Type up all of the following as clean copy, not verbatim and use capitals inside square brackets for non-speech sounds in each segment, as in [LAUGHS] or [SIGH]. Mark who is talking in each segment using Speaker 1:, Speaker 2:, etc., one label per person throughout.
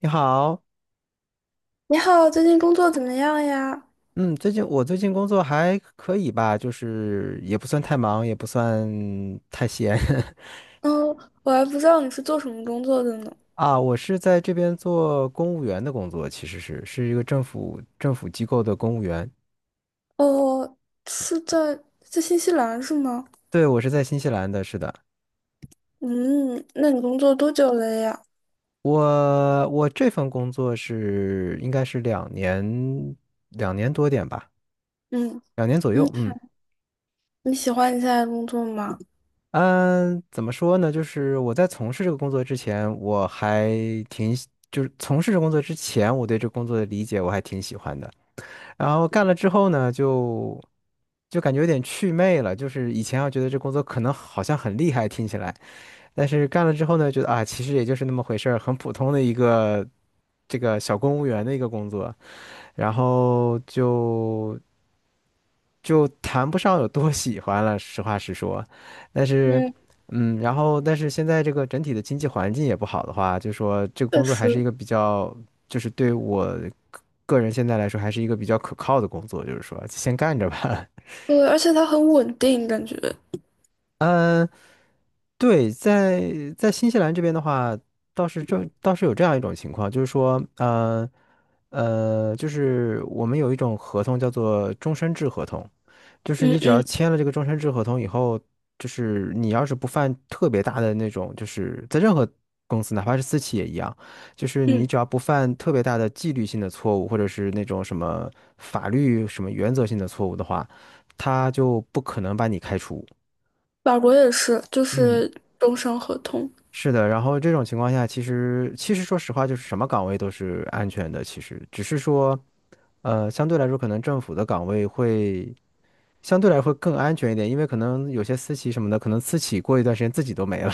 Speaker 1: 你好，
Speaker 2: 你好，最近工作怎么样呀？
Speaker 1: 最近工作还可以吧，就是也不算太忙，也不算太闲。 [LAUGHS]
Speaker 2: 嗯，我还不知道你是做什么工作的呢。
Speaker 1: 啊。我是在这边做公务员的工作，其实是一个政府机构的公务员。
Speaker 2: 哦，是在新西兰是吗？
Speaker 1: 对，我是在新西兰的，是的。
Speaker 2: 嗯，那你工作多久了呀？
Speaker 1: 我这份工作是应该是两年多点吧，
Speaker 2: 嗯
Speaker 1: 两年左
Speaker 2: 嗯，
Speaker 1: 右，嗯。
Speaker 2: 你喜欢你现在的工作吗？
Speaker 1: 嗯，怎么说呢？就是我在从事这个工作之前，我还挺喜就是从事这工作之前，我对这工作的理解我还挺喜欢的。然后干了之后呢，就感觉有点祛魅了。就是以前要觉得这工作可能好像很厉害，听起来，但是干了之后呢，觉得啊，其实也就是那么回事儿，很普通的一个这个小公务员的一个工作。然后就。就谈不上有多喜欢了，实话实说。但是，
Speaker 2: 嗯，
Speaker 1: 嗯，然后但是现在这个整体的经济环境也不好的话，就说这个
Speaker 2: 确
Speaker 1: 工作还是一
Speaker 2: 实。
Speaker 1: 个比较，就是对我个个人现在来说还是一个比较可靠的工作，就是说先干着吧。[LAUGHS]
Speaker 2: 对，而且它很稳定，感觉。
Speaker 1: 嗯，对，在在新西兰这边的话，倒是这倒是有这样一种情况，就是说，就是我们有一种合同叫做终身制合同。就是
Speaker 2: 嗯
Speaker 1: 你只要
Speaker 2: 嗯
Speaker 1: 签了这个终身制合同以后，就是你要是不犯特别大的那种，就是在任何公司，哪怕是私企也一样，就是你
Speaker 2: 嗯，
Speaker 1: 只要不犯特别大的纪律性的错误，或者是那种什么法律什么原则性的错误的话，他就不可能把你开除。
Speaker 2: 法国也是，就
Speaker 1: 嗯。
Speaker 2: 是终身合同。
Speaker 1: 是的，然后这种情况下，其实说实话，就是什么岗位都是安全的，其实只是说，呃，相对来说，可能政府的岗位会相对来说会更安全一点，因为可能有些私企什么的，可能私企过一段时间自己都没了。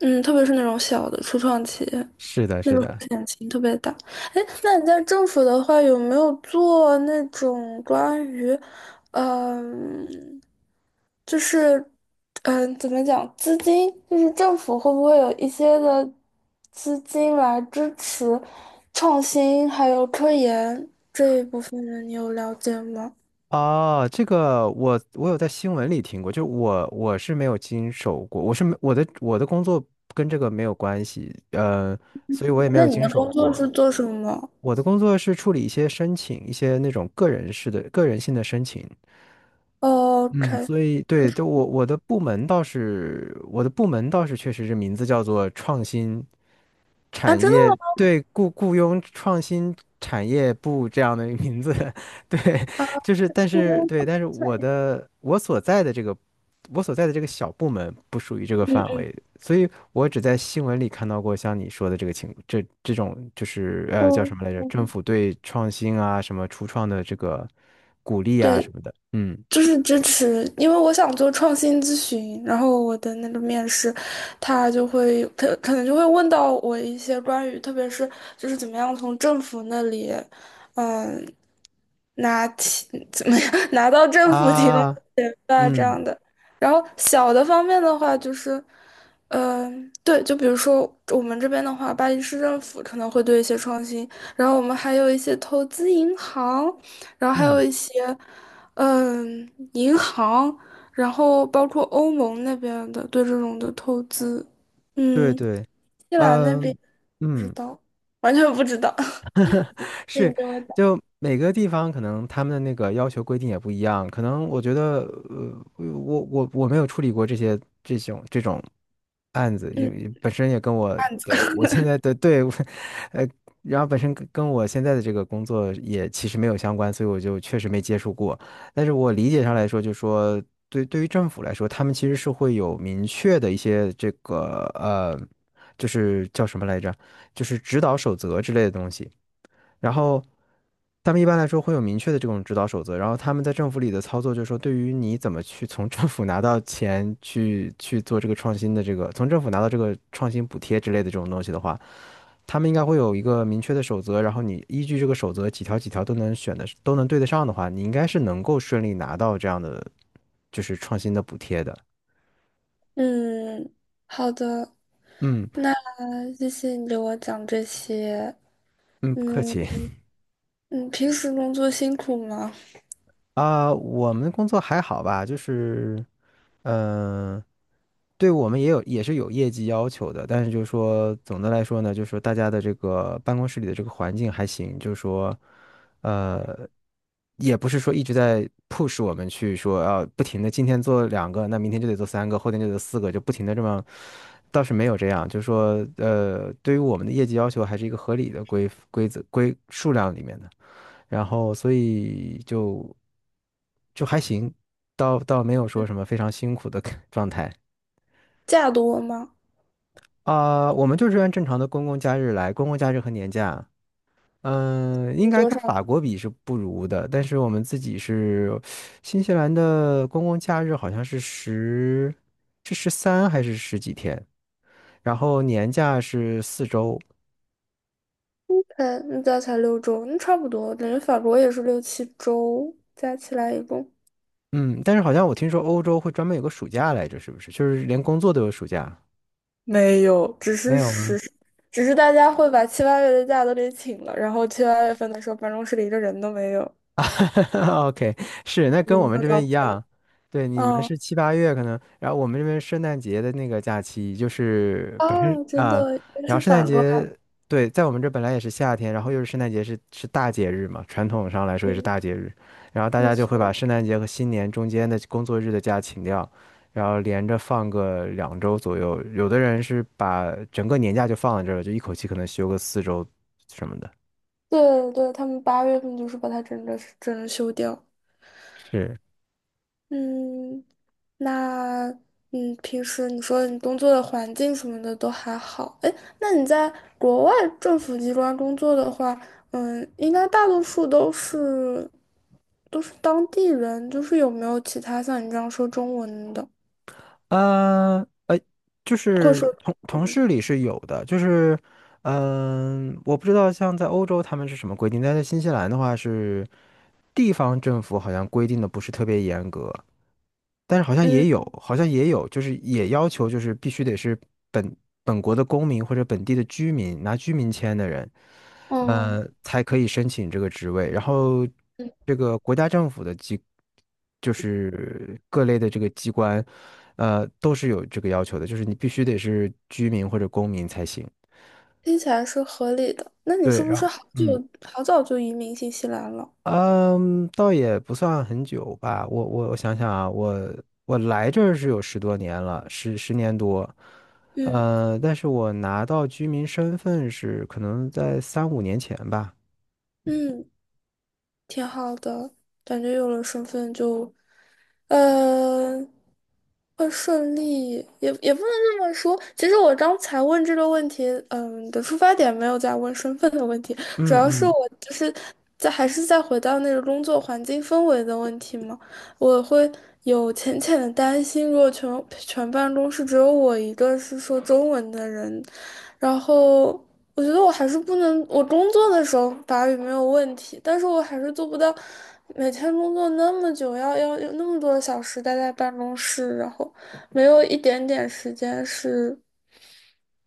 Speaker 2: 嗯，特别是那种小的初创企业。
Speaker 1: [LAUGHS] 是的，
Speaker 2: 那
Speaker 1: 是
Speaker 2: 个风
Speaker 1: 的。
Speaker 2: 险性特别大。哎，那你在政府的话，有没有做那种关于，嗯、就是，怎么讲，资金，就是政府会不会有一些的资金来支持创新还有科研这一部分呢？你有了解吗？
Speaker 1: 哦，这个我有在新闻里听过，就我是没有经手过，我是没我的工作跟这个没有关系，呃，所以我也没
Speaker 2: 那
Speaker 1: 有
Speaker 2: 你
Speaker 1: 经
Speaker 2: 的
Speaker 1: 手
Speaker 2: 工作
Speaker 1: 过。
Speaker 2: 是做什么？
Speaker 1: 我的工作是处理一些申请，一些那种个人式的、个人性的申请，
Speaker 2: 哦
Speaker 1: 嗯
Speaker 2: ？OK。
Speaker 1: 所以对，就我我的部门倒是，我的部门倒是确实是名字叫做创新。
Speaker 2: 啊，
Speaker 1: 产
Speaker 2: 真的
Speaker 1: 业对雇佣创新产业部这样的名字，[LAUGHS] 对，
Speaker 2: 吗？啊，
Speaker 1: 但是我所在的这个我所在的这个小部门不属于这个范
Speaker 2: 嗯
Speaker 1: 围，所以我只在新闻里看到过像你说的这个情这这种就是呃叫什
Speaker 2: 嗯，
Speaker 1: 么来着？政府对创新啊什么初创的这个鼓励啊
Speaker 2: 对。
Speaker 1: 什么的，嗯
Speaker 2: 就是支持，因为我想做创新咨询，然后我的那个面试，他可能就会问到我一些关于，特别是就是怎么样从政府那里，嗯，怎么样 [LAUGHS] 拿到政府提供的
Speaker 1: 啊
Speaker 2: 钱吧这
Speaker 1: 嗯
Speaker 2: 样的。然后小的方面的话，就是，对，就比如说我们这边的话，巴黎市政府可能会对一些创新，然后我们还有一些投资银行，然后还有
Speaker 1: 嗯，
Speaker 2: 一些。嗯，银行，然后包括欧盟那边的对这种的投资，
Speaker 1: 对
Speaker 2: 嗯，
Speaker 1: 对，
Speaker 2: 伊朗那边
Speaker 1: 嗯
Speaker 2: 不知
Speaker 1: 嗯。
Speaker 2: 道，完全不知道。[LAUGHS] 那你
Speaker 1: 是，
Speaker 2: 跟我讲，
Speaker 1: 就每个地方可能他们的那个要求规定也不一样，可能我觉得，呃，我没有处理过这种案子，因
Speaker 2: 嗯，
Speaker 1: 为本身也跟
Speaker 2: 案子。
Speaker 1: 我现在
Speaker 2: [LAUGHS]
Speaker 1: 的对，[LAUGHS] 呃，然后本身跟我现在的这个工作也其实没有相关，所以我就确实没接触过。但是我理解上来说，就说对于政府来说，他们其实是会有明确的一些这个呃，就是叫什么来着，就是指导守则之类的东西。然后他们一般来说会有明确的这种指导守则，然后他们在政府里的操作就是说，对于你怎么去从政府拿到钱去做这个创新的这个，从政府拿到这个创新补贴之类的这种东西的话，他们应该会有一个明确的守则，然后你依据这个守则几条都能选的都能对得上的话，你应该是能够顺利拿到这样的就是创新的补贴的。
Speaker 2: 嗯，好的，
Speaker 1: 嗯
Speaker 2: 那谢谢你给我讲这些。
Speaker 1: 嗯，不客
Speaker 2: 嗯，
Speaker 1: 气。
Speaker 2: 你平时工作辛苦吗？
Speaker 1: 啊，我们工作还好吧，就是，嗯、对我们也有也是有业绩要求的，但是就是说总的来说呢，就是说大家的这个办公室里的这个环境还行，就是说，呃，也不是说一直在 push 我们去说啊，不停的今天做两个，那明天就得做三个，后天就得四个，就不停的这么，倒是没有这样，就是说，呃，对于我们的业绩要求还是一个合理的规规则规数量里面的。然后所以就还行，倒没有说什么非常辛苦的 [LAUGHS] 状态。
Speaker 2: 假多吗？
Speaker 1: 啊、我们就是按正常的公共假日来，公共假日和年假，嗯、应
Speaker 2: 有
Speaker 1: 该
Speaker 2: 多
Speaker 1: 跟
Speaker 2: 少？
Speaker 1: 法国比是不如的，但是我们自己是新西兰的公共假日好像是是十三还是十几天，然后年假是四周，
Speaker 2: 嗯，加起来六周，那差不多，感觉法国也是六七周，加起来一共。
Speaker 1: 嗯，但是好像我听说欧洲会专门有个暑假来着，是不是？就是连工作都有暑假。
Speaker 2: 没有，只
Speaker 1: 没
Speaker 2: 是
Speaker 1: 有吗？
Speaker 2: 实施只是大家会把七八月的假都给请了，然后七八月份的时候，办公室里一个人都没有，
Speaker 1: [LAUGHS] OK，是，那跟我
Speaker 2: 人
Speaker 1: 们
Speaker 2: 都
Speaker 1: 这
Speaker 2: 找
Speaker 1: 边
Speaker 2: 不
Speaker 1: 一样，
Speaker 2: 到。
Speaker 1: 对，你们
Speaker 2: 嗯，
Speaker 1: 是七八月可能，然后我们这边圣诞节的那个假期就是本身
Speaker 2: 哦，真
Speaker 1: 啊，
Speaker 2: 的，原来
Speaker 1: 然后
Speaker 2: 是
Speaker 1: 圣诞
Speaker 2: 反过来。
Speaker 1: 节，对，在我们这本来也是夏天，然后又是圣诞节是大节日嘛，传统上来说也是
Speaker 2: 嗯，
Speaker 1: 大节日，然后大
Speaker 2: 没
Speaker 1: 家就会把
Speaker 2: 错。
Speaker 1: 圣诞节和新年中间的工作日的假请掉，然后连着放个两周左右，有的人是把整个年假就放在这儿了，就一口气可能休个四周什么的，
Speaker 2: 对对，他们八月份就是把它整个休掉。
Speaker 1: 是。
Speaker 2: 嗯，那嗯，平时你说你工作的环境什么的都还好，哎，那你在国外政府机关工作的话，嗯，应该大多数都是当地人，就是有没有其他像你这样说中文的，
Speaker 1: 嗯，呃，就
Speaker 2: 或者
Speaker 1: 是
Speaker 2: 说
Speaker 1: 同同
Speaker 2: 嗯
Speaker 1: 事里是有的，就是嗯、我不知道像在欧洲他们是什么规定，但在新西兰的话是地方政府好像规定的不是特别严格，但是
Speaker 2: 嗯
Speaker 1: 好像也有，就是也要求就是必须得是本本国的公民或者本地的居民，拿居民签的人，
Speaker 2: 哦
Speaker 1: 呃，才可以申请这个职位。然后
Speaker 2: 嗯，
Speaker 1: 这个国家政府的机，就是各类的这个机关，呃，都是有这个要求的，就是你必须得是居民或者公民才行。
Speaker 2: 听起来是合理的。那你
Speaker 1: 对，
Speaker 2: 是不
Speaker 1: 然
Speaker 2: 是
Speaker 1: 后
Speaker 2: 好久
Speaker 1: 嗯。
Speaker 2: 好早就移民新西兰了？
Speaker 1: 嗯，倒也不算很久吧。我想想啊，我来这儿是有十多年了，十年多。
Speaker 2: 嗯
Speaker 1: 呃，但是我拿到居民身份是可能在三五年前吧。
Speaker 2: 嗯，挺好的，感觉有了身份就。嗯，会顺利，也不能这么说。其实我刚才问这个问题，嗯的出发点没有在问身份的问题，主
Speaker 1: 嗯
Speaker 2: 要是
Speaker 1: 嗯，
Speaker 2: 我就是在还是在回到那个工作环境氛围的问题嘛。我会有浅浅的担心，如果全办公室只有我一个是说中文的人，然后。我觉得我还是不能，我工作的时候法语没有问题，但是我还是做不到每天工作那么久，要有那么多的小时待在办公室，然后没有一点点时间是，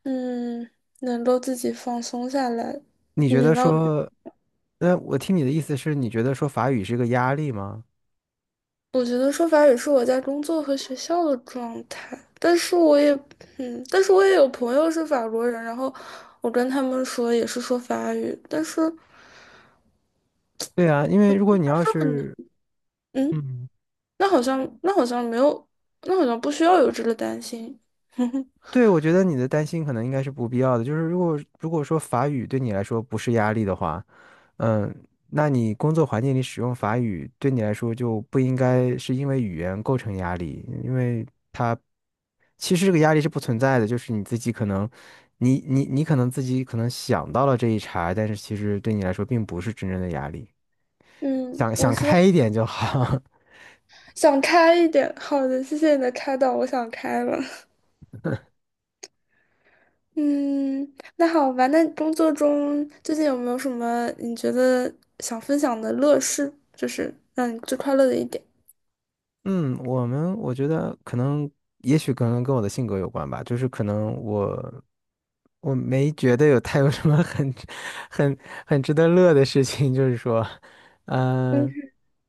Speaker 2: 嗯，能够自己放松下来。
Speaker 1: 你
Speaker 2: 你
Speaker 1: 觉
Speaker 2: 明
Speaker 1: 得
Speaker 2: 白我的？
Speaker 1: 说，那我听你的意思是，你觉得说法语是个压力吗？
Speaker 2: 我觉得说法语是我在工作和学校的状态，但是我也，嗯，但是我也有朋友是法国人，然后我跟他们说也是说法语，但是
Speaker 1: 对啊，因为如果你要
Speaker 2: 是很难，
Speaker 1: 是，
Speaker 2: 嗯。
Speaker 1: 嗯。
Speaker 2: 那好像那好像没有，那好像不需要有这个担心。[LAUGHS]
Speaker 1: 对，我觉得你的担心可能应该是不必要的。就是如果说法语对你来说不是压力的话，嗯，那你工作环境里使用法语对你来说就不应该是因为语言构成压力，因为它其实这个压力是不存在的，就是你自己可能，你可能自己可能想到了这一茬，但是其实对你来说并不是真正的压力，
Speaker 2: 嗯，
Speaker 1: 想
Speaker 2: 我
Speaker 1: 想
Speaker 2: 希
Speaker 1: 开
Speaker 2: 望
Speaker 1: 一点就好。
Speaker 2: 想开一点。好的，谢谢你的开导，我想开了。[LAUGHS] 嗯，那好吧。那工作中最近有没有什么你觉得想分享的乐事，就是让你最快乐的一点？
Speaker 1: 嗯，我觉得可能，也许可能跟我的性格有关吧，就是可能我没觉得有太有什么很 [LAUGHS] 很很值得乐的事情，就是说，嗯，
Speaker 2: 嗯，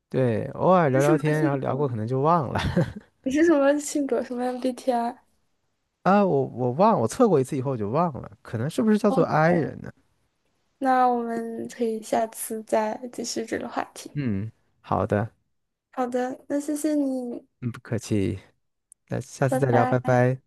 Speaker 1: 对，偶尔
Speaker 2: 你
Speaker 1: 聊
Speaker 2: 是什
Speaker 1: 聊
Speaker 2: 么
Speaker 1: 天，
Speaker 2: 性
Speaker 1: 然后聊过
Speaker 2: 格？
Speaker 1: 可能就忘了。 [LAUGHS]
Speaker 2: 你是什么性格？什么 MBTI？
Speaker 1: 啊，我测过一次以后我就忘了，可能是不是叫做
Speaker 2: 哦，
Speaker 1: I 人呢？
Speaker 2: 那我们可以下次再继续这个话题。
Speaker 1: 嗯，好的，
Speaker 2: 好的，那谢谢你，
Speaker 1: 嗯，不客气，那下次
Speaker 2: 拜
Speaker 1: 再聊，拜
Speaker 2: 拜。
Speaker 1: 拜。